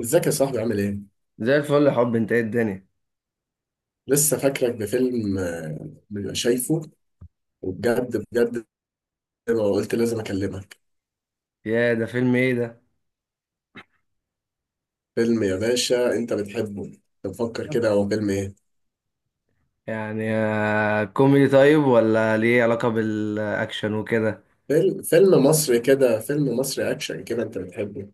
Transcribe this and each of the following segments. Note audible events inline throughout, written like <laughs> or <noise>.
ازيك يا صاحبي عامل ايه؟ زي الفل يا حب. انت ايه الدنيا؟ لسه فاكرك بفيلم شايفه. وبجد بجد ما قلت لازم اكلمك. يا ده فيلم ايه ده؟ فيلم يا باشا انت بتحبه، تفكر كده هو فيلم ايه؟ يعني كوميدي طيب، ولا ليه علاقة بالاكشن وكده؟ فيلم فيلم مصري كده، فيلم مصري اكشن كده انت بتحبه.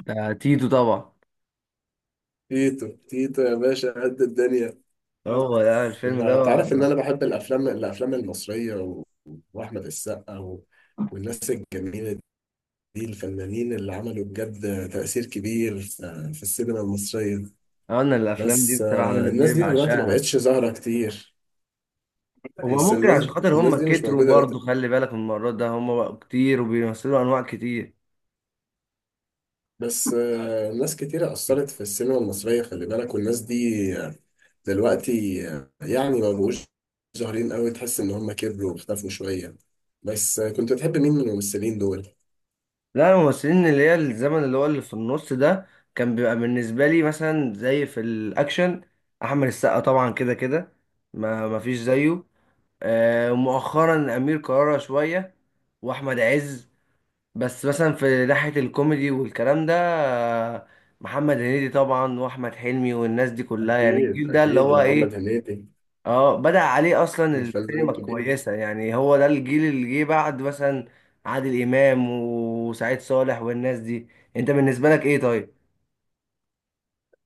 ده تيتو طبعا. تيتو تيتو يا باشا قد الدنيا. انت، هو ده الفيلم ده أنت عارف ان آه، انا بحب الافلام الافلام المصرية و... واحمد السقا و... والناس الجميلة دي، الفنانين اللي عملوا بجد تأثير كبير في السينما المصرية. انا الافلام دي بس بصراحة بالنسبة الناس لي دي دلوقتي ما بعشقها. بقتش ظاهرة كتير. هو بس ممكن الناس، عشان خاطر الناس هم دي مش كتروا موجودة برضه، دلوقتي. خلي بالك من المرات ده، هم بقوا كتير وبيمثلوا انواع كتير. بس ناس كتيرة أثرت في السينما المصرية، خلي بالك، والناس دي آه، دلوقتي يعني ما بقوش ظاهرين قوي، تحس إن هم كبروا واختفوا شوية. بس كنت بتحب مين من الممثلين دول؟ لا الممثلين اللي هي الزمن اللي هو اللي في النص ده، كان بيبقى بالنسبة لي مثلا زي في الأكشن أحمد السقا طبعا، كده كده ما فيش زيه. مؤخرا أمير كرارة شوية، وأحمد عز. بس مثلا في ناحية الكوميدي والكلام ده، آه، محمد هنيدي طبعا، وأحمد حلمي، والناس دي كلها. يعني أكيد الجيل ده اللي أكيد هو محمد إيه، هنيدي، اه، بدأ عليه اصلا الفنان السينما الكبير. الكويسه. يعني هو ده الجيل اللي جه بعد مثلا عادل امام وسعيد صالح والناس دي. انت بالنسبه لك ايه طيب؟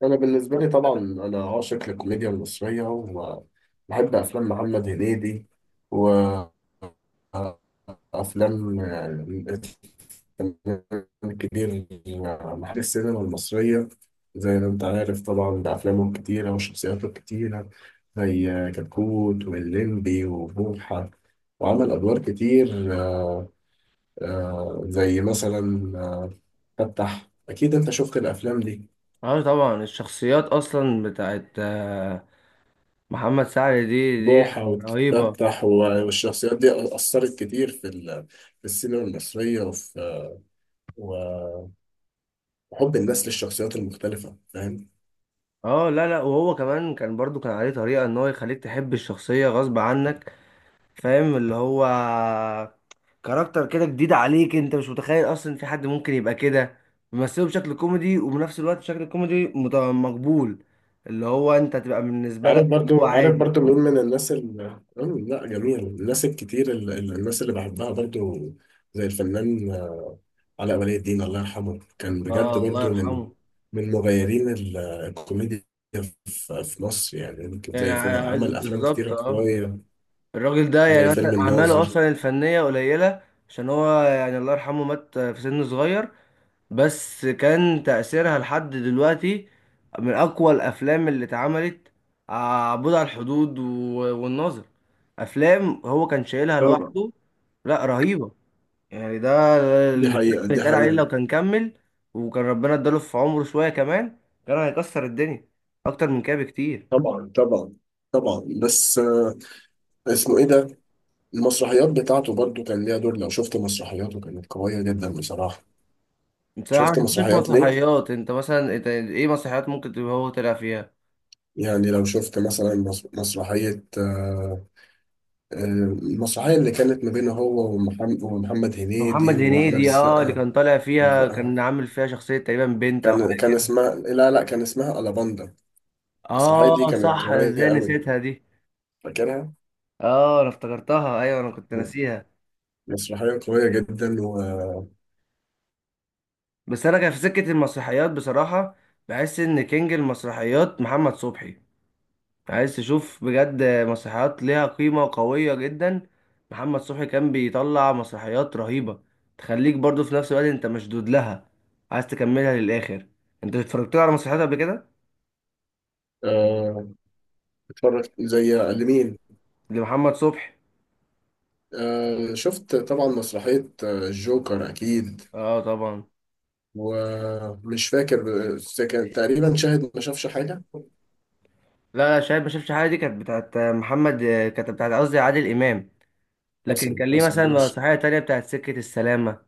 انا بالنسبه لي طبعا انا عاشق للكوميديا المصريه وبحب افلام محمد هنيدي، وافلام الكبير محل السينما المصريه، زي ما انت عارف طبعا، بافلامه الكتيره وشخصياته الكتيره، زي كتكوت واللمبي وبوحه، وعمل ادوار كتير. زي مثلا فتح، اكيد انت شفت الافلام دي، اه طبعا الشخصيات اصلا بتاعت محمد سعد دي بوحة رهيبه. وتفتح والشخصيات دي أثرت كتير في في السينما المصرية، وفي و- وحب الناس للشخصيات المختلفة، فاهم. اه لا لا، وهو كمان كان برضو كان عليه طريقه ان هو يخليك تحب الشخصيه غصب عنك، فاهم؟ اللي هو كاركتر كده جديد عليك، انت مش متخيل اصلا في حد ممكن يبقى كده، ممثله بشكل كوميدي وبنفس الوقت بشكل كوميدي مقبول، اللي هو انت تبقى بالنسبه عارف لك اللي هو برضو، عارف عادي. برضو مين من لا جميل. الناس الكتير الناس اللي بحبها برضو، زي الفنان علاء ولي الدين، الله يرحمه، كان بجد اه الله برضو من يرحمه. من مغيرين الكوميديا في مصر، يعني يمكن يعني زي فيلم، عمل أفلام بالظبط كتيرة اه، قوية، الراجل ده زي يعني مثلا فيلم اعماله الناظر. اصلا الفنيه قليله، عشان هو يعني الله يرحمه مات في سن صغير، بس كان تأثيرها لحد دلوقتي من أقوى الأفلام اللي اتعملت. عبود على الحدود والناظر، أفلام هو كان شايلها طبعا، لوحده. لا رهيبة يعني ده، دي اللي حقيقة، فعلا دي اتقال عليه حقيقة. لو كان كمل، وكان ربنا اداله في عمره شوية كمان، كان هيكسر الدنيا أكتر من كده بكتير. طبعا طبعا طبعا. بس اسمه ايه ده، المسرحيات بتاعته برضو كان ليها دور، لو شفت مسرحياته كانت قوية جدا بصراحة. بصراحة ما شفت شفتش مسرحيات ليه؟ مسرحيات. أنت مثلا إنت إيه مسرحيات ممكن تبقى هو طلع فيها؟ يعني لو شفت مثلا مسرحية آه، المسرحية اللي كانت ما بينه هو ومحمد, ومحمد محمد هنيدي وأحمد هنيدي اه، اللي السقا. كان طالع فيها كان عامل فيها شخصية تقريبا بنت أو كان حاجة. اسمها، لا لا، كان اسمها ألاباندا. المسرحية دي اه كانت صح، أنا قوية ازاي قوي، نسيتها دي. فاكرها؟ اه انا افتكرتها، ايوه انا كنت ناسيها. مسرحية قوية جدا و بس انا كان في سكة المسرحيات بصراحة، بحس ان كينج المسرحيات محمد صبحي. عايز تشوف بجد مسرحيات ليها قيمة وقوية جدا، محمد صبحي كان بيطلع مسرحيات رهيبة، تخليك برضو في نفس الوقت انت مشدود لها، عايز تكملها للاخر. انت اتفرجت له على مسرحيات قبل كده؟ آه، اتفرجت زي لمين؟ لمحمد صبحي. شفت طبعا مسرحية الجوكر أكيد، اه طبعا. ومش فاكر، بس كان تقريبا شاهد ما شافش حاجة. لا لا، شايف ما شفتش حاجة دي كانت بتاعت محمد، كانت بتاعت قصدي عادل امام. لكن حصل كان ليه حصل مثلا ماشي. مسرحية تانية بتاعت سكة السلامة،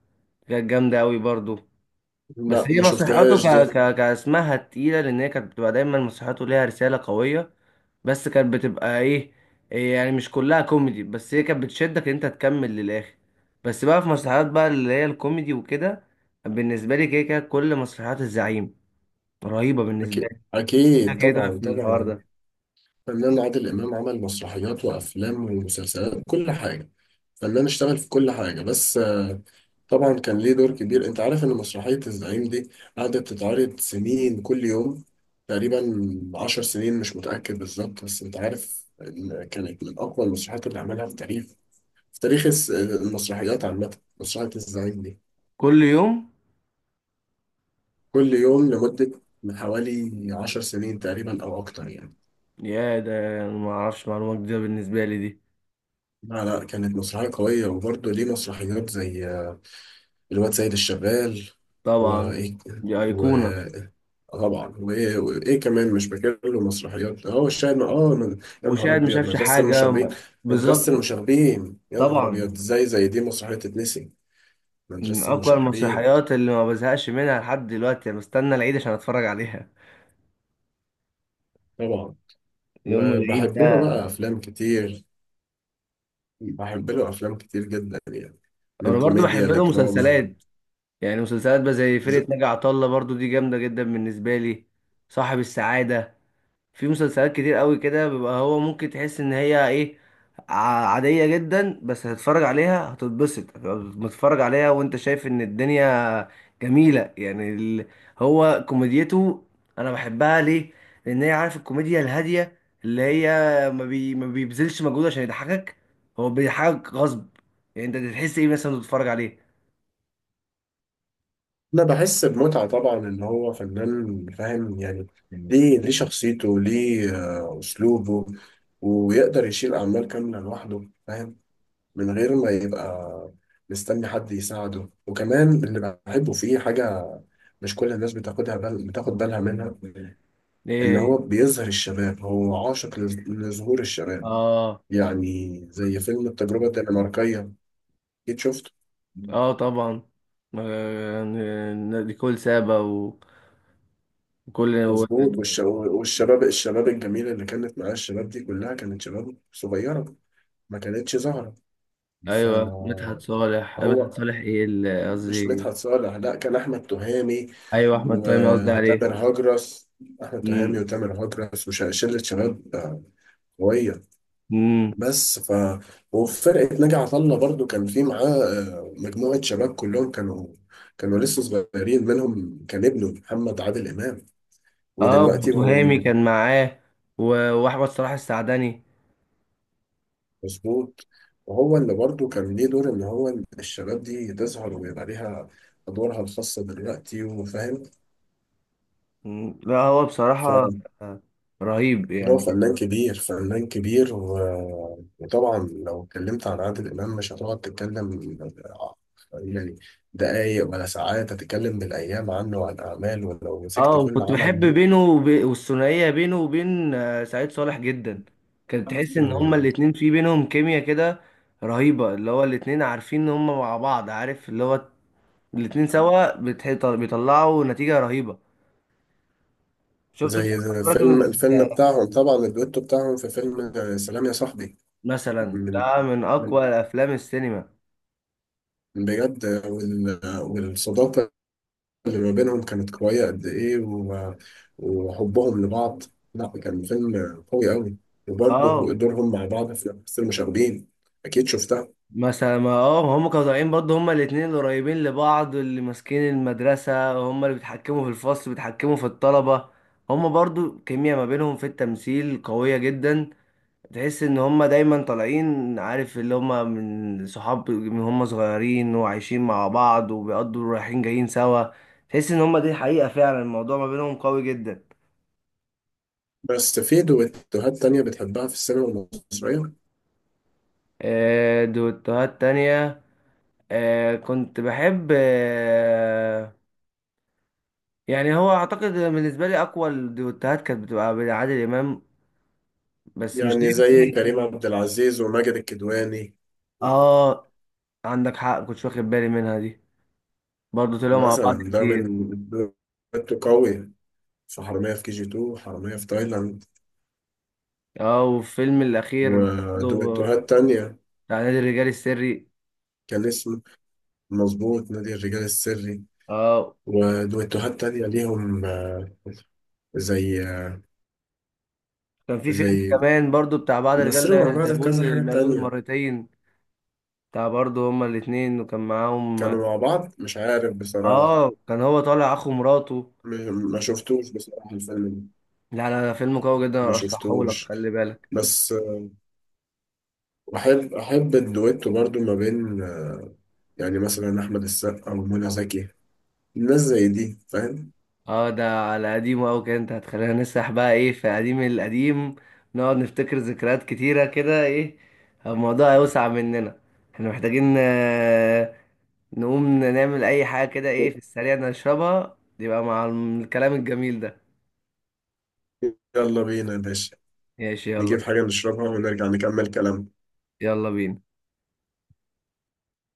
كانت جامدة أوي برضو. لا بس هي ما مسرحياته شفتهاش دي. كاسمها تقيلة، لأن هي كانت بتبقى دايما مسرحياته ليها رسالة قوية. بس كانت بتبقى إيه، إيه يعني، مش كلها كوميدي، بس هي كانت بتشدك إن أنت تكمل للآخر. بس بقى في مسرحيات بقى اللي هي الكوميدي وكده، بالنسبة لي كده كده كل مسرحيات الزعيم رهيبة بالنسبة أكيد لي. كده أكيد كده طبعا في الحوار طبعا. ده. فنان عادل إمام عمل مسرحيات وأفلام ومسلسلات، كل حاجة، فنان اشتغل في كل حاجة. بس طبعا كان ليه دور كبير، انت عارف ان مسرحية الزعيم دي قعدت تتعرض سنين، كل يوم تقريبا، عشر سنين مش متأكد بالظبط، بس انت عارف ان كانت من اقوى المسرحيات اللي عملها في تاريخ، في تاريخ المسرحيات عامة، مسرحية الزعيم دي كل يوم؟ كل يوم لمدة من حوالي عشر سنين تقريبا او اكتر يعني. يا ده أنا معرفش، معلومة جديدة بالنسبة لي دي. لا لا، كانت مسرحية قوية، وبرضه ليه مسرحيات زي الواد سيد الشغال طبعا، دي و... أيقونة. طبعا، وايه وايه كمان مش فاكر له مسرحيات، هو الشاهد، اه، من يا نهار وشاهد ما ابيض شافش مدرسه حاجة المشاغبين، مدرسه بالظبط. المشاغبين، يا نهار ابيض طبعا، ازاي زي دي مسرحيه تتنسي. من مدرسه أقوى المشاغبين المسرحيات اللي ما بزهقش منها لحد دلوقتي، أنا بستنى العيد عشان أتفرج عليها. طبعا. يوم العيد وبحب له ده. بقى افلام كتير، بحب له افلام كتير جدا يعني، من أنا برضو كوميديا بحب له لدراما. مسلسلات. يعني مسلسلات بقى زي ز- فرقة ناجي عطا الله برضو دي جامدة جدا بالنسبة لي. صاحب السعادة، في مسلسلات كتير قوي كده، بيبقى هو ممكن تحس ان هي ايه، عادية جدا، بس هتتفرج عليها هتتبسط، هتبقى متفرج عليها وانت شايف ان الدنيا جميلة. يعني هو كوميديته انا بحبها ليه، لان هي عارف، الكوميديا الهادية اللي هي ما بيبذلش مجهود عشان يضحكك، هو بيضحكك غصب. يعني انت تحس ايه مثلا وأنت بتتفرج عليه؟ انا بحس بمتعه طبعا، ان هو فنان فاهم، يعني ليه، ليه شخصيته، ليه اسلوبه، ويقدر يشيل اعمال كامله لوحده، فاهم، من غير ما يبقى مستني حد يساعده. وكمان اللي بحبه فيه حاجه مش كل الناس بتاخدها بال، بتاخد بالها منها، ان ايه هو هي؟ بيظهر الشباب، هو عاشق لظهور الشباب. اه. يعني زي فيلم التجربه الدنماركيه، اكيد شفته. اه طبعا. آه، نيكول سابا وكل. مظبوط، والشباب والشباب، الشباب الجميلة اللي كانت معاه، الشباب دي كلها كانت شباب صغيرة، ما كانتش زهرة. ايوه فهو مدحت صالح، أيوة، مدحت صالح ايه مش مدحت قصدي، صالح، لا، كان أحمد تهامي ايوه احمد فهمي قصدي عليه. وتامر هجرس. أحمد تهامي امم وتامر هجرس وشلة شباب قوية. امم بس ف، وفي فرقة ناجي عطا الله برضو كان في معاه مجموعة شباب كلهم كانوا، كانوا لسه صغيرين، منهم كان ابنه محمد عادل إمام، اه، ودلوقتي هو وتهامي من، كان معاه، واحمد صلاح السعدني. مظبوط. وهو اللي برضه كان ليه دور ان هو إن الشباب دي تظهر ويبقى ليها ادوارها الخاصه دلوقتي، وفاهم، لا هو بصراحه فهو آه، رهيب يعني. فنان كبير، فنان كبير وطبعا لو اتكلمت عن عادل امام مش هتقعد تتكلم يعني دقايق ولا ساعات، هتتكلم بالايام عنه وعن اعماله ولو مسكت اه، كل وكنت عمل بحب دي. بينه والثنائيه بينه وبين سعيد صالح جدا، كانت تحس ان هما مم. الاتنين في بينهم كيمياء كده رهيبه، اللي هو الاتنين عارفين ان هما مع بعض، عارف اللي هو الاتنين سوا بيطلعوا نتيجه رهيبه. شفت انت زي راكب؟ الفيلم، الفيلم بتاعهم طبعا، الدويتو بتاعهم في فيلم سلام يا صاحبي. مثلا من، ده من من اقوى الافلام السينما. بجد، والصداقة اللي ما بينهم كانت قوية قد إيه و... وحبهم لبعض. لا كان فيلم قوي أوي. وبرضه اه دورهم مع بعض في المشاغبين، أكيد شفتها. مثلا ما اه، هم كانوا طالعين برضه هم الاثنين اللي قريبين لبعض، اللي ماسكين المدرسه، هم اللي بيتحكموا في الفصل، بيتحكموا في الطلبه، هم برضه كيمياء ما بينهم في التمثيل قويه جدا. تحس ان هم دايما طالعين، عارف اللي هم من صحاب، من هم صغيرين وعايشين مع بعض وبيقضوا رايحين جايين سوا، تحس ان هم دي حقيقه فعلا الموضوع ما بينهم قوي جدا. بس في دويتوهات تانية بتحبها في السينما المصرية؟ دوتوهات تانية، كنت بحب يعني هو أعتقد بالنسبة لي أقوى الدوتوهات كانت بتبقى بين عادل إمام، بس مش يعني عارف <laughs> زي يعني كريم عبد العزيز وماجد الكدواني، آه. عندك حق، كنتش واخد بالي منها دي، برضه طلعوا مع بعض مثلا ده كتير. من دويتو قوي، في حرامية في كي جي 2 وحرامية في تايلاند، آه، والفيلم الأخير برضه ودويتوهات تانية بتاع نادي الرجال السري. كان اسمه، مظبوط، نادي الرجال السري. آه. ودويتوهات تانية ليهم زي، كان في فيلم زي، كمان برضه بتاع بعض مثلوا مع الرجال، بعض في زبون كذا حاجة للمأذون تانية، مرتين، بتاع برضه هما الاتنين وكان معاهم. كانوا مع بعض مش عارف بصراحة، اه كان هو طالع اخو مراته. ما شفتوش بصراحة الفيلم ده، لا لا، ده فيلم قوي جدا، ما ارشحه لك شفتوش. خلي بالك. بس أحب، أحب الدويتو برضو ما بين يعني مثلا أحمد السقا ومنى زكي، الناس زي دي، فاهم. اه ده على قديمه قوي كده، انت هتخلينا نسرح بقى ايه في قديم القديم، نقعد نفتكر ذكريات كتيره كده ايه، الموضوع هيوسع مننا. احنا محتاجين نقوم نعمل اي حاجه كده ايه في السريع نشربها، يبقى مع الكلام الجميل ده. يلا بينا يا باشا، ماشي يلا. نجيب حاجة نشربها ونرجع نكمل كلامنا. يلا بينا.